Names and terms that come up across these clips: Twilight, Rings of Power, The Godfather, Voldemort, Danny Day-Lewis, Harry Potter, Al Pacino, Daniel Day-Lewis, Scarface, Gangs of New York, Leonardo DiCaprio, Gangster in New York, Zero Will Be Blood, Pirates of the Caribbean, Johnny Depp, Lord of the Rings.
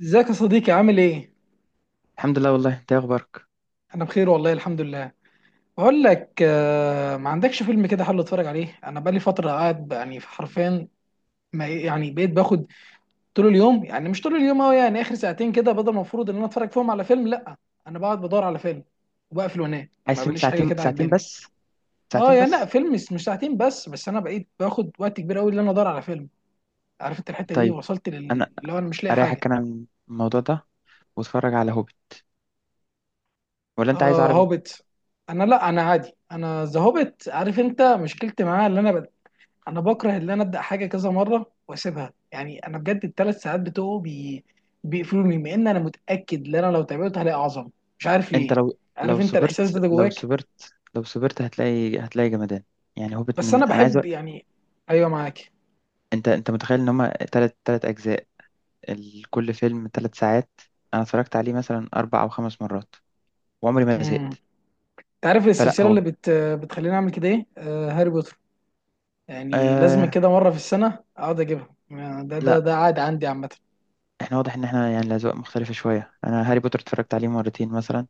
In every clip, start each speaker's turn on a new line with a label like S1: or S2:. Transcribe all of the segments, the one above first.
S1: ازيك يا صديقي، عامل ايه؟
S2: الحمد لله، والله. انت ايه اخبارك؟
S1: انا بخير والله الحمد لله. بقول لك، ما عندكش فيلم كده حلو اتفرج عليه؟ انا بقالي فتره قاعد يعني حرفيا، ما يعني بقيت باخد طول اليوم، يعني مش طول اليوم قوي، يعني اخر ساعتين كده بدل ما المفروض ان انا اتفرج فيهم على فيلم. لا انا بقعد بدور على فيلم وبقفل وانام.
S2: عايز
S1: ما
S2: فيلم
S1: بليش حاجه
S2: ساعتين
S1: كده
S2: ساعتين
S1: عجباني.
S2: بس.
S1: اه
S2: ساعتين
S1: يعني لا،
S2: بس.
S1: فيلم مش ساعتين بس، انا بقيت باخد وقت كبير قوي ان ادور على فيلم. عارف انت الحته دي
S2: طيب.
S1: وصلت
S2: انا
S1: اللي هو انا مش لاقي حاجه.
S2: اريحك انا من الموضوع ده واتفرج على هوبي، ولا انت عايز
S1: اه
S2: عربي؟
S1: هوبت. انا لا، انا عادي، انا ذا هوبت. عارف انت مشكلتي معاه، اللي انا بكره ان انا ابدا حاجه كذا مره واسيبها. يعني انا بجد الثلاث ساعات بتوعه بيقفلوني مع ان انا متاكد ان انا لو تابعته هلاقي اعظم. مش عارف
S2: انت
S1: ليه.
S2: لو
S1: عارف
S2: لو
S1: انت الاحساس
S2: صبرت
S1: ده
S2: لو
S1: جواك.
S2: صبرت لو صبرت هتلاقي جمدان. يعني هوبت،
S1: بس انا
S2: من انا عايز
S1: بحب يعني. ايوه، معاك.
S2: انت متخيل ان هما تلات اجزاء، كل فيلم 3 ساعات. انا اتفرجت عليه مثلا 4 او 5 مرات وعمري ما
S1: امم.
S2: زهقت.
S1: انت عارف
S2: فلا
S1: السلسله
S2: هو.
S1: اللي بتخليني اعمل كده ايه؟ آه، هاري بوتر، يعني لازم
S2: آه،
S1: كده مره في السنه اقعد اجيبها. ده ده
S2: لا.
S1: ده عادي عندي عامه.
S2: احنا واضح ان احنا يعني الاذواق مختلفة شوية. انا هاري بوتر اتفرجت عليه مرتين مثلا.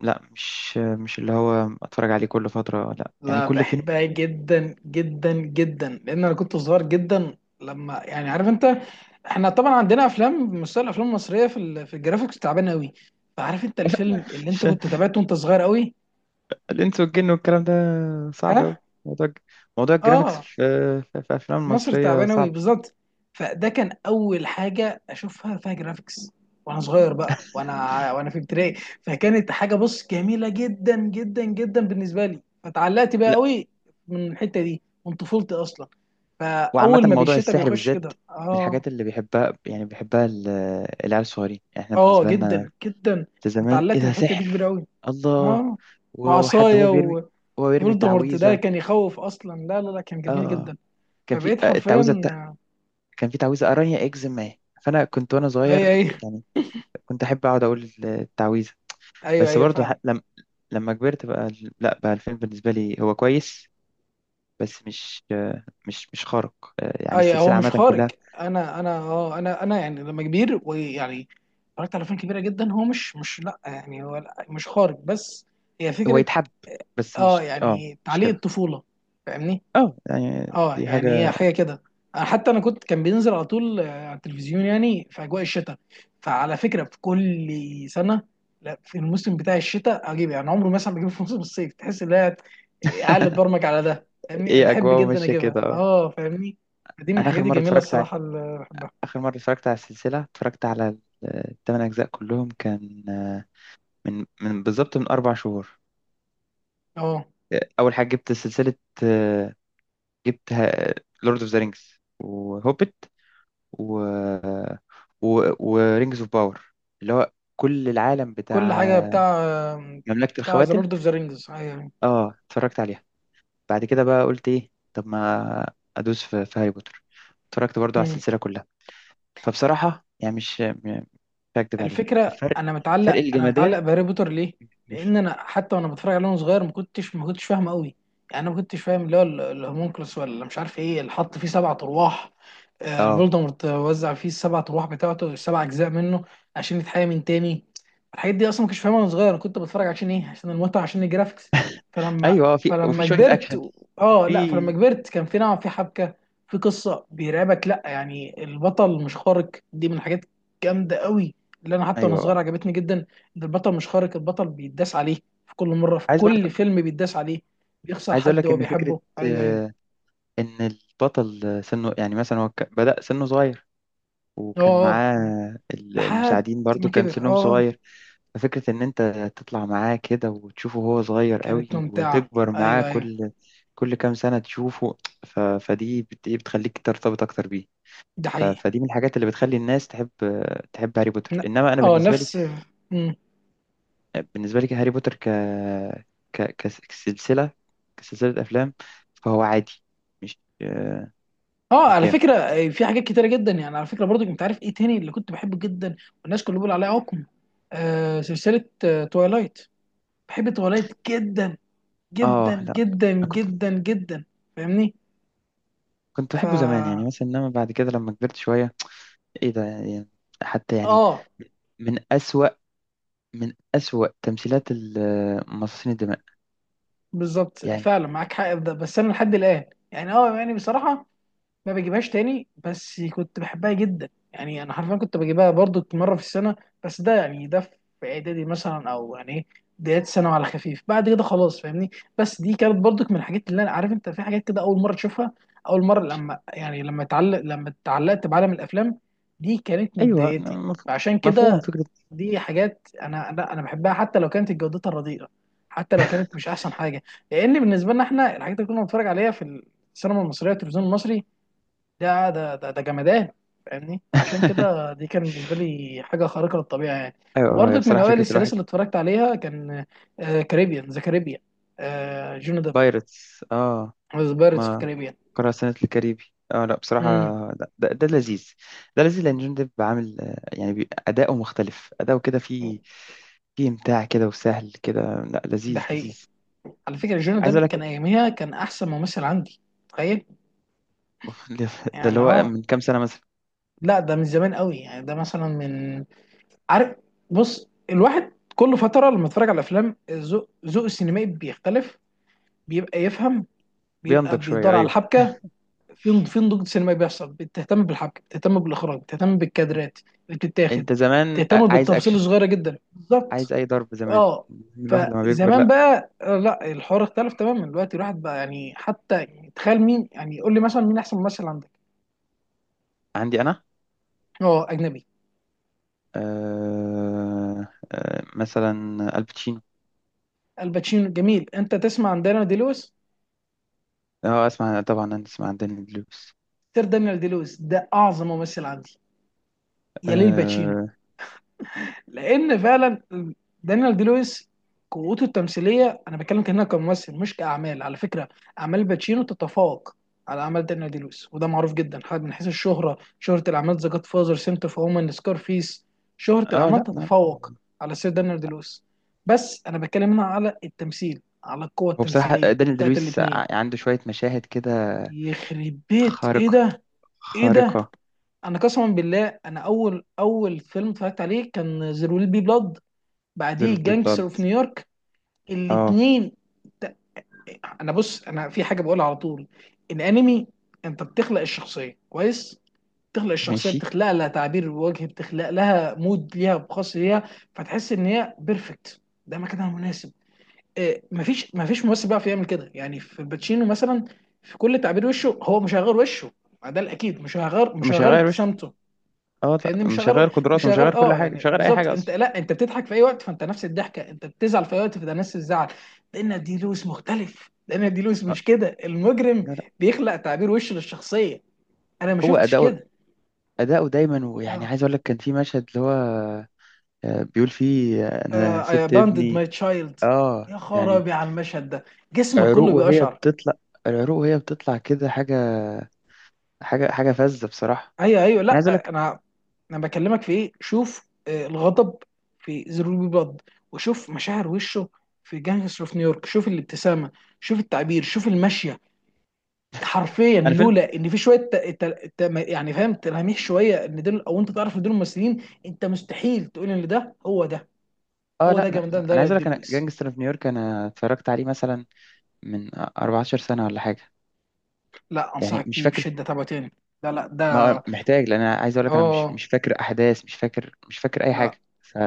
S2: لا، مش اللي هو اتفرج عليه كل فترة، لا يعني
S1: لا،
S2: كل فين
S1: بحبها
S2: وفين.
S1: جدا جدا جدا لان انا كنت صغير جدا لما يعني، عارف انت، احنا طبعا عندنا افلام، مستوى الافلام المصريه في في الجرافيكس تعبان قوي. فعارف انت الفيلم اللي انت كنت تابعته وانت صغير قوي.
S2: الانس والجن والكلام ده صعب قوي.
S1: ها.
S2: موضوع موضوع الجرافيكس
S1: اه.
S2: في الافلام
S1: مصر
S2: المصرية
S1: تعبانه قوي
S2: صعب.
S1: بالظبط. فده كان اول حاجه اشوفها فيها جرافيكس وانا صغير بقى، وانا في ابتدائي، فكانت حاجه، بص، جميله جدا جدا جدا بالنسبه لي، فتعلقت بقى
S2: لا.
S1: قوي من الحته دي من طفولتي اصلا.
S2: وعامة
S1: فاول ما
S2: موضوع
S1: بالشتاء
S2: السحر
S1: بيخش
S2: بالذات
S1: كده
S2: من
S1: اه.
S2: الحاجات اللي بيحبها، يعني بيحبها العيال الصغيرين. يعني احنا
S1: اه
S2: بالنسبة لنا
S1: جدا جدا.
S2: ده
S1: انا
S2: زمان، ايه
S1: اتعلقت
S2: ده
S1: بالحته دي كبيره
S2: سحر.
S1: قوي.
S2: الله.
S1: اه
S2: وحد
S1: وعصايه.
S2: هو بيرمي
S1: وفولدمورت ده
S2: تعويذة.
S1: كان يخوف اصلا، لا لا لا كان جميل
S2: اه.
S1: جدا.
S2: كان في
S1: فبقيت
S2: التعويذة بتاع.
S1: حرفيا.
S2: كان في تعويذة أرانيا إكس ما. فأنا كنت وأنا
S1: اي
S2: صغير،
S1: اي.
S2: يعني كنت احب اقعد اقول التعويذه.
S1: ايوه
S2: بس
S1: ايوه
S2: برضه ح-
S1: فعلا.
S2: لم... لما كبرت بقى، لا بقى الفيلم بالنسبه لي هو كويس. بس مش خارق. يعني
S1: اي هو
S2: السلسله
S1: مش
S2: عامه
S1: خارج.
S2: كلها.
S1: انا اه انا يعني لما كبير ويعني اتفرجت على افلام كبيره جدا هو مش لا، يعني هو لا مش خارج بس هي
S2: هو
S1: فكره.
S2: يتحب بس
S1: اه
S2: مش اه
S1: يعني،
S2: مش
S1: تعليق
S2: كده.
S1: الطفوله، فاهمني.
S2: اه، يعني
S1: اه
S2: دي
S1: يعني هي
S2: حاجه.
S1: حاجه كده. حتى انا كنت كان بينزل على طول، على التلفزيون، يعني في اجواء الشتاء. فعلى فكره في كل سنه، لا، في الموسم بتاع الشتاء اجيب يعني عمره مثلا بجيبه في موسم الصيف، تحس ان هي قاعد برمج على ده. فاهمني،
S2: ايه،
S1: بحب
S2: اجواء
S1: جدا
S2: ماشيه
S1: اجيبها،
S2: كده، اه.
S1: اه فاهمني. دي من
S2: انا اخر
S1: الحاجات
S2: مره
S1: الجميله
S2: اتفرجت على
S1: الصراحه اللي بحبها.
S2: اخر مره اتفرجت على السلسله، اتفرجت على الثمان اجزاء كلهم. كان من بالظبط، 4 شهور.
S1: اه
S2: اول حاجه جبت سلسله، آه، جبت لورد اوف ذا رينجز وهوبت و... و... ورينجز اوف باور، اللي هو كل العالم
S1: كل
S2: بتاع
S1: حاجه بتاع،
S2: مملكة
S1: بتاع ذا
S2: الخواتم.
S1: لورد اوف ذا رينجز يعني.
S2: اه، اتفرجت عليها. بعد كده بقى قلت ايه، طب ما ادوس في هاري بوتر. اتفرجت برضو على السلسلة كلها. فبصراحة يعني مش هكدب عليك،
S1: الفكره،
S2: الفرق،
S1: انا
S2: فرق
S1: متعلق، انا متعلق
S2: الجمدان،
S1: بهاري بوتر ليه؟
S2: كبير.
S1: لان انا حتى وانا بتفرج عليه وانا صغير ما كنتش فاهم قوي، يعني انا ما كنتش فاهم، اللي هو الهومونكلوس ولا مش عارف ايه، اللي حط فيه سبع ارواح،
S2: اه،
S1: فولدمورت وزع فيه السبع ارواح بتاعته، السبع اجزاء منه عشان يتحيى من تاني. الحاجات دي اصلا ما كنتش فاهمها وانا صغير، انا كنت بتفرج عشان ايه؟ عشان المتعه، عشان الجرافيكس. فلما
S2: ايوه. في
S1: فلما
S2: شوية
S1: كبرت
S2: اكشن.
S1: و- اه
S2: في.
S1: لا فلما كبرت كان في نوع، في حبكه، في قصه بيرعبك، لا يعني البطل مش خارق، دي من الحاجات جامده قوي، اللي انا حتى وانا
S2: ايوه
S1: صغير
S2: آه.
S1: عجبتني جدا، ان البطل مش خارق، البطل بيتداس عليه في كل مره، في
S2: عايز
S1: كل
S2: برضه.
S1: فيلم بيتداس عليه، بيخسر
S2: عايز اقول
S1: حد
S2: لك
S1: هو
S2: ان فكرة،
S1: بيحبه. ايوه ايوه.
S2: آه، ان البطل سنه، يعني مثلا هو بدأ سنه صغير
S1: اه
S2: وكان
S1: اه
S2: معاه
S1: لحد
S2: المساعدين، برضو
S1: ما
S2: كان
S1: كبر، اه
S2: سنهم
S1: آه.
S2: صغير. ففكرة إن أنت تطلع معاه كده وتشوفه وهو صغير
S1: كانت
S2: قوي
S1: ممتعه.
S2: وتكبر معاه
S1: ايوه ايوه.
S2: كل كام سنة تشوفه. فدي إيه بتخليك ترتبط أكتر بيه.
S1: ده حقيقي.
S2: فدي من الحاجات اللي بتخلي الناس تحب هاري بوتر.
S1: ن-
S2: إنما أنا
S1: اه
S2: بالنسبة لي،
S1: نفس. مم.
S2: هاري بوتر ك... ك... كس- كسلسلة كسلسلة أفلام، فهو عادي، مش
S1: اه
S2: مش
S1: على
S2: جامد.
S1: فكره، في حاجات كتيره جدا، يعني على فكره برضو كنت عارف ايه تاني اللي كنت بحبه جدا، والناس كلها بيقول عليه عقم، آه سلسله آه توايلايت. بحب توايلايت جدا جدا
S2: آه، لا.
S1: جدا
S2: أنا كنت
S1: جدا جدا فاهمني.
S2: كنت
S1: ف
S2: بحبه زمان يعني، مثلا، إنما بعد كده لما كبرت شوية، ايه ده يعني. حتى يعني
S1: اه.
S2: من أسوأ، تمثيلات مصاصين الدماء.
S1: بالظبط،
S2: يعني،
S1: فعلا معاك حق في ده، بس انا لحد الان يعني، اه يعني بصراحه ما بجيبهاش تاني، بس كنت بحبها جدا، يعني انا حرفيا كنت بجيبها برضو مره في السنه، بس ده يعني ده في اعدادي مثلا او يعني ايه بدايات ثانوي، على خفيف بعد كده خلاص فاهمني. بس دي كانت برضو من الحاجات اللي انا، عارف انت، في حاجات كده اول مره تشوفها، اول مره لما يعني، لما اتعلقت بعالم الافلام دي كانت من
S2: ايوه.
S1: بدايتي. فعشان
S2: مفهوم
S1: كده
S2: فكرة.
S1: دي حاجات انا، لا انا بحبها حتى لو كانت جودتها رديئه، حتى لو كانت مش احسن حاجه، لان بالنسبه لنا احنا الحاجات اللي كنا بنتفرج عليها في السينما المصريه والتلفزيون المصري ده جمدان. فاهمني، عشان كده دي كان بالنسبه لي حاجه خارقه للطبيعه يعني.
S2: ايوه، هي
S1: وبرضك من
S2: بصراحة
S1: اوائل
S2: فكرة
S1: السلاسل
S2: الواحد.
S1: اللي اتفرجت عليها كان كاريبيان، ذا كاريبيان، جوني ديب،
S2: بايرتس، اه.
S1: ذا بايرتس اوف
S2: ما
S1: كاريبيان.
S2: قرأ سنة الكاريبي. اه، لا بصراحة.
S1: امم.
S2: لا، ده لذيذ. ده لذيذ لأن جون ديب عامل يعني أداؤه مختلف، أداؤه كده فيه إمتاع كده وسهل كده. لا،
S1: ده
S2: لذيذ
S1: حقيقي.
S2: لذيذ.
S1: على فكره جوني
S2: عايز أقول
S1: ديب
S2: لك.
S1: كان اياميها كان احسن ممثل عندي، تخيل.
S2: ده اللي
S1: يعني
S2: هو
S1: اه
S2: من كام سنة مثلا.
S1: لا، ده من زمان قوي، يعني ده مثلا من، عارف، بص، الواحد كل فتره لما اتفرج على افلام ذوق، ذوق السينمائي بيختلف، بيبقى يفهم، بيبقى
S2: بينضج شوية،
S1: بيدور على
S2: أيوه.
S1: الحبكه، في في نضوج سينمائي بيحصل، بتهتم بالحبكه، بتهتم بالاخراج، بتهتم بالكادرات اللي بتتاخد،
S2: أنت زمان
S1: بتهتم
S2: عايز
S1: بالتفاصيل
S2: أكشن،
S1: الصغيره جدا بالظبط.
S2: عايز اي ضرب زمان.
S1: اه
S2: الواحد لما بيكبر،
S1: فزمان
S2: لا.
S1: بقى، لا الحوار اختلف تماما دلوقتي. الواحد بقى يعني، حتى يعني، تخيل مين، يعني قول لي مثلا مين احسن ممثل عندك.
S2: عندي انا.
S1: اه اجنبي.
S2: مثلا الباتشينو.
S1: الباتشينو جميل، انت تسمع عن دانيال دي لويس؟
S2: اه، اسمع طبعا، انا اسمع عن داني دلويس.
S1: سير دانيال دي لويس ده اعظم ممثل عندي، يليه الباتشينو.
S2: اه
S1: لان فعلا دانيال دي لويس قوته التمثيليه، انا بتكلم كانها كممثل مش كاعمال، على فكره اعمال باتشينو تتفوق على اعمال دانيال دي لويس، وده معروف جدا، حتى من حيث الشهره، شهره الاعمال، ذا جاد فازر، سنت اوف وومن، سكارفيس، شهره
S2: اه،
S1: الاعمال
S2: لا لا.
S1: تتفوق على سير دانيال دي لويس، بس انا بتكلم هنا على التمثيل، على القوه
S2: هو بصراحة
S1: التمثيليه
S2: داني
S1: بتاعت
S2: دلويس
S1: الاثنين.
S2: عنده شوية مشاهد كده
S1: يخرب بيت ايه
S2: خارقة،
S1: ده. ايه ده.
S2: خارقة.
S1: انا قسما بالله، انا اول، اول فيلم اتفرجت عليه كان زيرو ويل بي بلاد، بعديه
S2: ضرب
S1: جانجستر
S2: بلاد،
S1: اوف نيويورك،
S2: اه.
S1: الاثنين. انا بص، انا في حاجه بقولها على طول، الانمي، انت بتخلق الشخصيه كويس، بتخلق الشخصيه،
S2: ماشي.
S1: بتخلق لها تعبير وجه، بتخلق لها مود ليها، خاص ليها، فتحس ان هي بيرفكت، ده مكانها مناسب. إيه، مفيش ممثل بيعرف يعمل كده، يعني في الباتشينو مثلا في كل تعبير وشه هو مش هيغير وشه، ما ده الاكيد مش
S2: مش
S1: هيغير
S2: هغير وش.
S1: ابتسامته
S2: اه، لا،
S1: فاهمني، مش
S2: مش
S1: هغير
S2: هغير
S1: مش
S2: قدراته، مش هغير
S1: هغير
S2: كل
S1: اه
S2: حاجة، مش
S1: يعني
S2: هغير اي
S1: بالظبط.
S2: حاجة
S1: انت
S2: اصلا.
S1: لا، انت بتضحك في اي وقت فانت نفس الضحكه، انت بتزعل في اي وقت فده نفس الزعل. لان دي لويس مختلف، لان دي لويس
S2: آه،
S1: مش كده المجرم،
S2: لا لا.
S1: بيخلق تعبير وش للشخصيه، انا ما
S2: هو
S1: شفتش
S2: اداؤه،
S1: كده.
S2: دايما. ويعني
S1: يا
S2: عايز اقول لك كان في مشهد اللي هو بيقول فيه انا
S1: اي
S2: سبت
S1: abandoned
S2: ابني.
S1: ماي تشايلد.
S2: اه
S1: يا
S2: يعني.
S1: خرابي على المشهد ده، جسمك
S2: عروق
S1: كله
S2: وهي
S1: بيقشعر.
S2: بتطلع العروق وهي بتطلع كده، حاجة، حاجة فذة بصراحة.
S1: ايوه ايوه،
S2: انا عايز اقول
S1: لا
S2: لك،
S1: انا، انا بكلمك في ايه، شوف الغضب في زيرو بي بلاد، وشوف مشاعر وشه في جانجستر اوف نيويورك، شوف الابتسامه، شوف التعبير، شوف المشيه. حرفيا
S2: انا فيلم.
S1: لولا ان في شويه ت... يعني فاهم تلاميح شويه ان دول، او انت تعرف ان دول الممثلين، انت مستحيل تقول ان ده هو ده.
S2: اه،
S1: هو
S2: لا
S1: ده
S2: لا لا.
S1: جامدان ده،
S2: انا عايز اقول
S1: دي
S2: لك انا
S1: لويس.
S2: جانجستر في نيويورك، انا اتفرجت عليه مثلا من 14 سنة ولا حاجة،
S1: لا
S2: يعني
S1: انصحك
S2: مش
S1: بيه
S2: فاكر.
S1: بشده، تابعه تاني. لا لا
S2: ما
S1: ده.
S2: محتاج، لان انا عايز اقول لك انا مش
S1: اه
S2: مش فاكر احداث، مش فاكر اي
S1: لا
S2: حاجة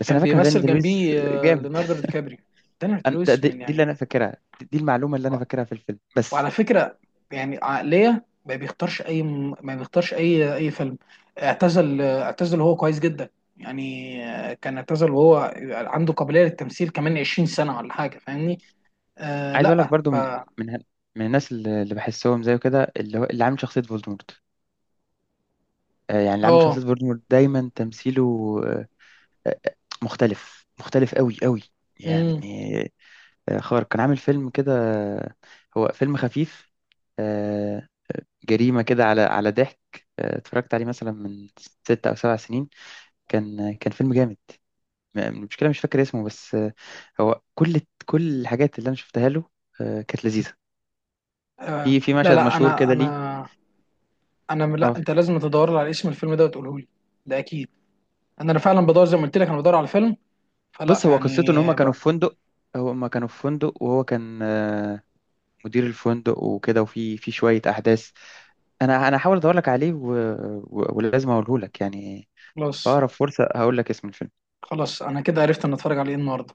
S2: بس انا
S1: كان
S2: فاكر ان داني
S1: بيمثل
S2: دي لويس
S1: جنبيه،
S2: جامد.
S1: ليوناردو دي كابريو. دانيال دي
S2: أنا- ده-
S1: لويس
S2: دي,
S1: من
S2: دي اللي
S1: يعني،
S2: انا فاكرها، دي المعلومة اللي انا فاكرها في الفيلم بس.
S1: وعلى فكره، يعني عقليه ما بيختارش اي اي فيلم، اعتزل وهو كويس جدا، يعني كان اعتزل وهو عنده قابليه للتمثيل كمان 20 سنه ولا حاجه فاهمني. آه
S2: عايز اقول لك
S1: لا
S2: برضو
S1: ف
S2: من من الناس اللي بحسهم زيه كده، اللي هو اللي عامل شخصيه فولدمورت. يعني اللي عامل
S1: اه.
S2: شخصيه فولدمورت دايما تمثيله آه، آه، مختلف مختلف قوي قوي، يعني
S1: امم.
S2: خارق. كان عامل فيلم كده، هو فيلم خفيف، آه، جريمه كده على ضحك. اتفرجت عليه مثلا من 6 او 7 سنين. كان كان فيلم جامد، المشكله مش فاكر اسمه بس. هو كل، الحاجات اللي انا شفتها له كانت لذيذه.
S1: آه
S2: في
S1: لا
S2: مشهد
S1: لا.
S2: مشهور كده ليه. اه،
S1: لا انت لازم تدور لي على اسم الفيلم ده وتقوله لي، ده اكيد. انا فعلا بدور زي ما قلت لك انا بدور على الفيلم، فلا
S2: بص هو قصته ان
S1: يعني
S2: هما كانوا
S1: بقى.
S2: في فندق، هما كانوا في فندق وهو كان مدير الفندق وكده، وفي شويه احداث. انا هحاول ادور لك عليه ولازم اقوله لك، يعني في
S1: خلاص،
S2: اقرب فرصه هقول لك اسم الفيلم.
S1: خلاص انا كده عرفت ان اتفرج على ايه النهارده.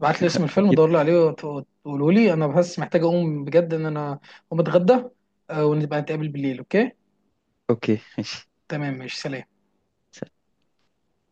S1: ابعت لي اسم الفيلم،
S2: اكيد.
S1: دور لي عليه وتقولوا لي، انا بس محتاج اقوم بجد ان انا اقوم اتغدى، ونبقى نتقابل بالليل. اوكي.
S2: اوكي، ماشي.
S1: تمام ماشي سلام.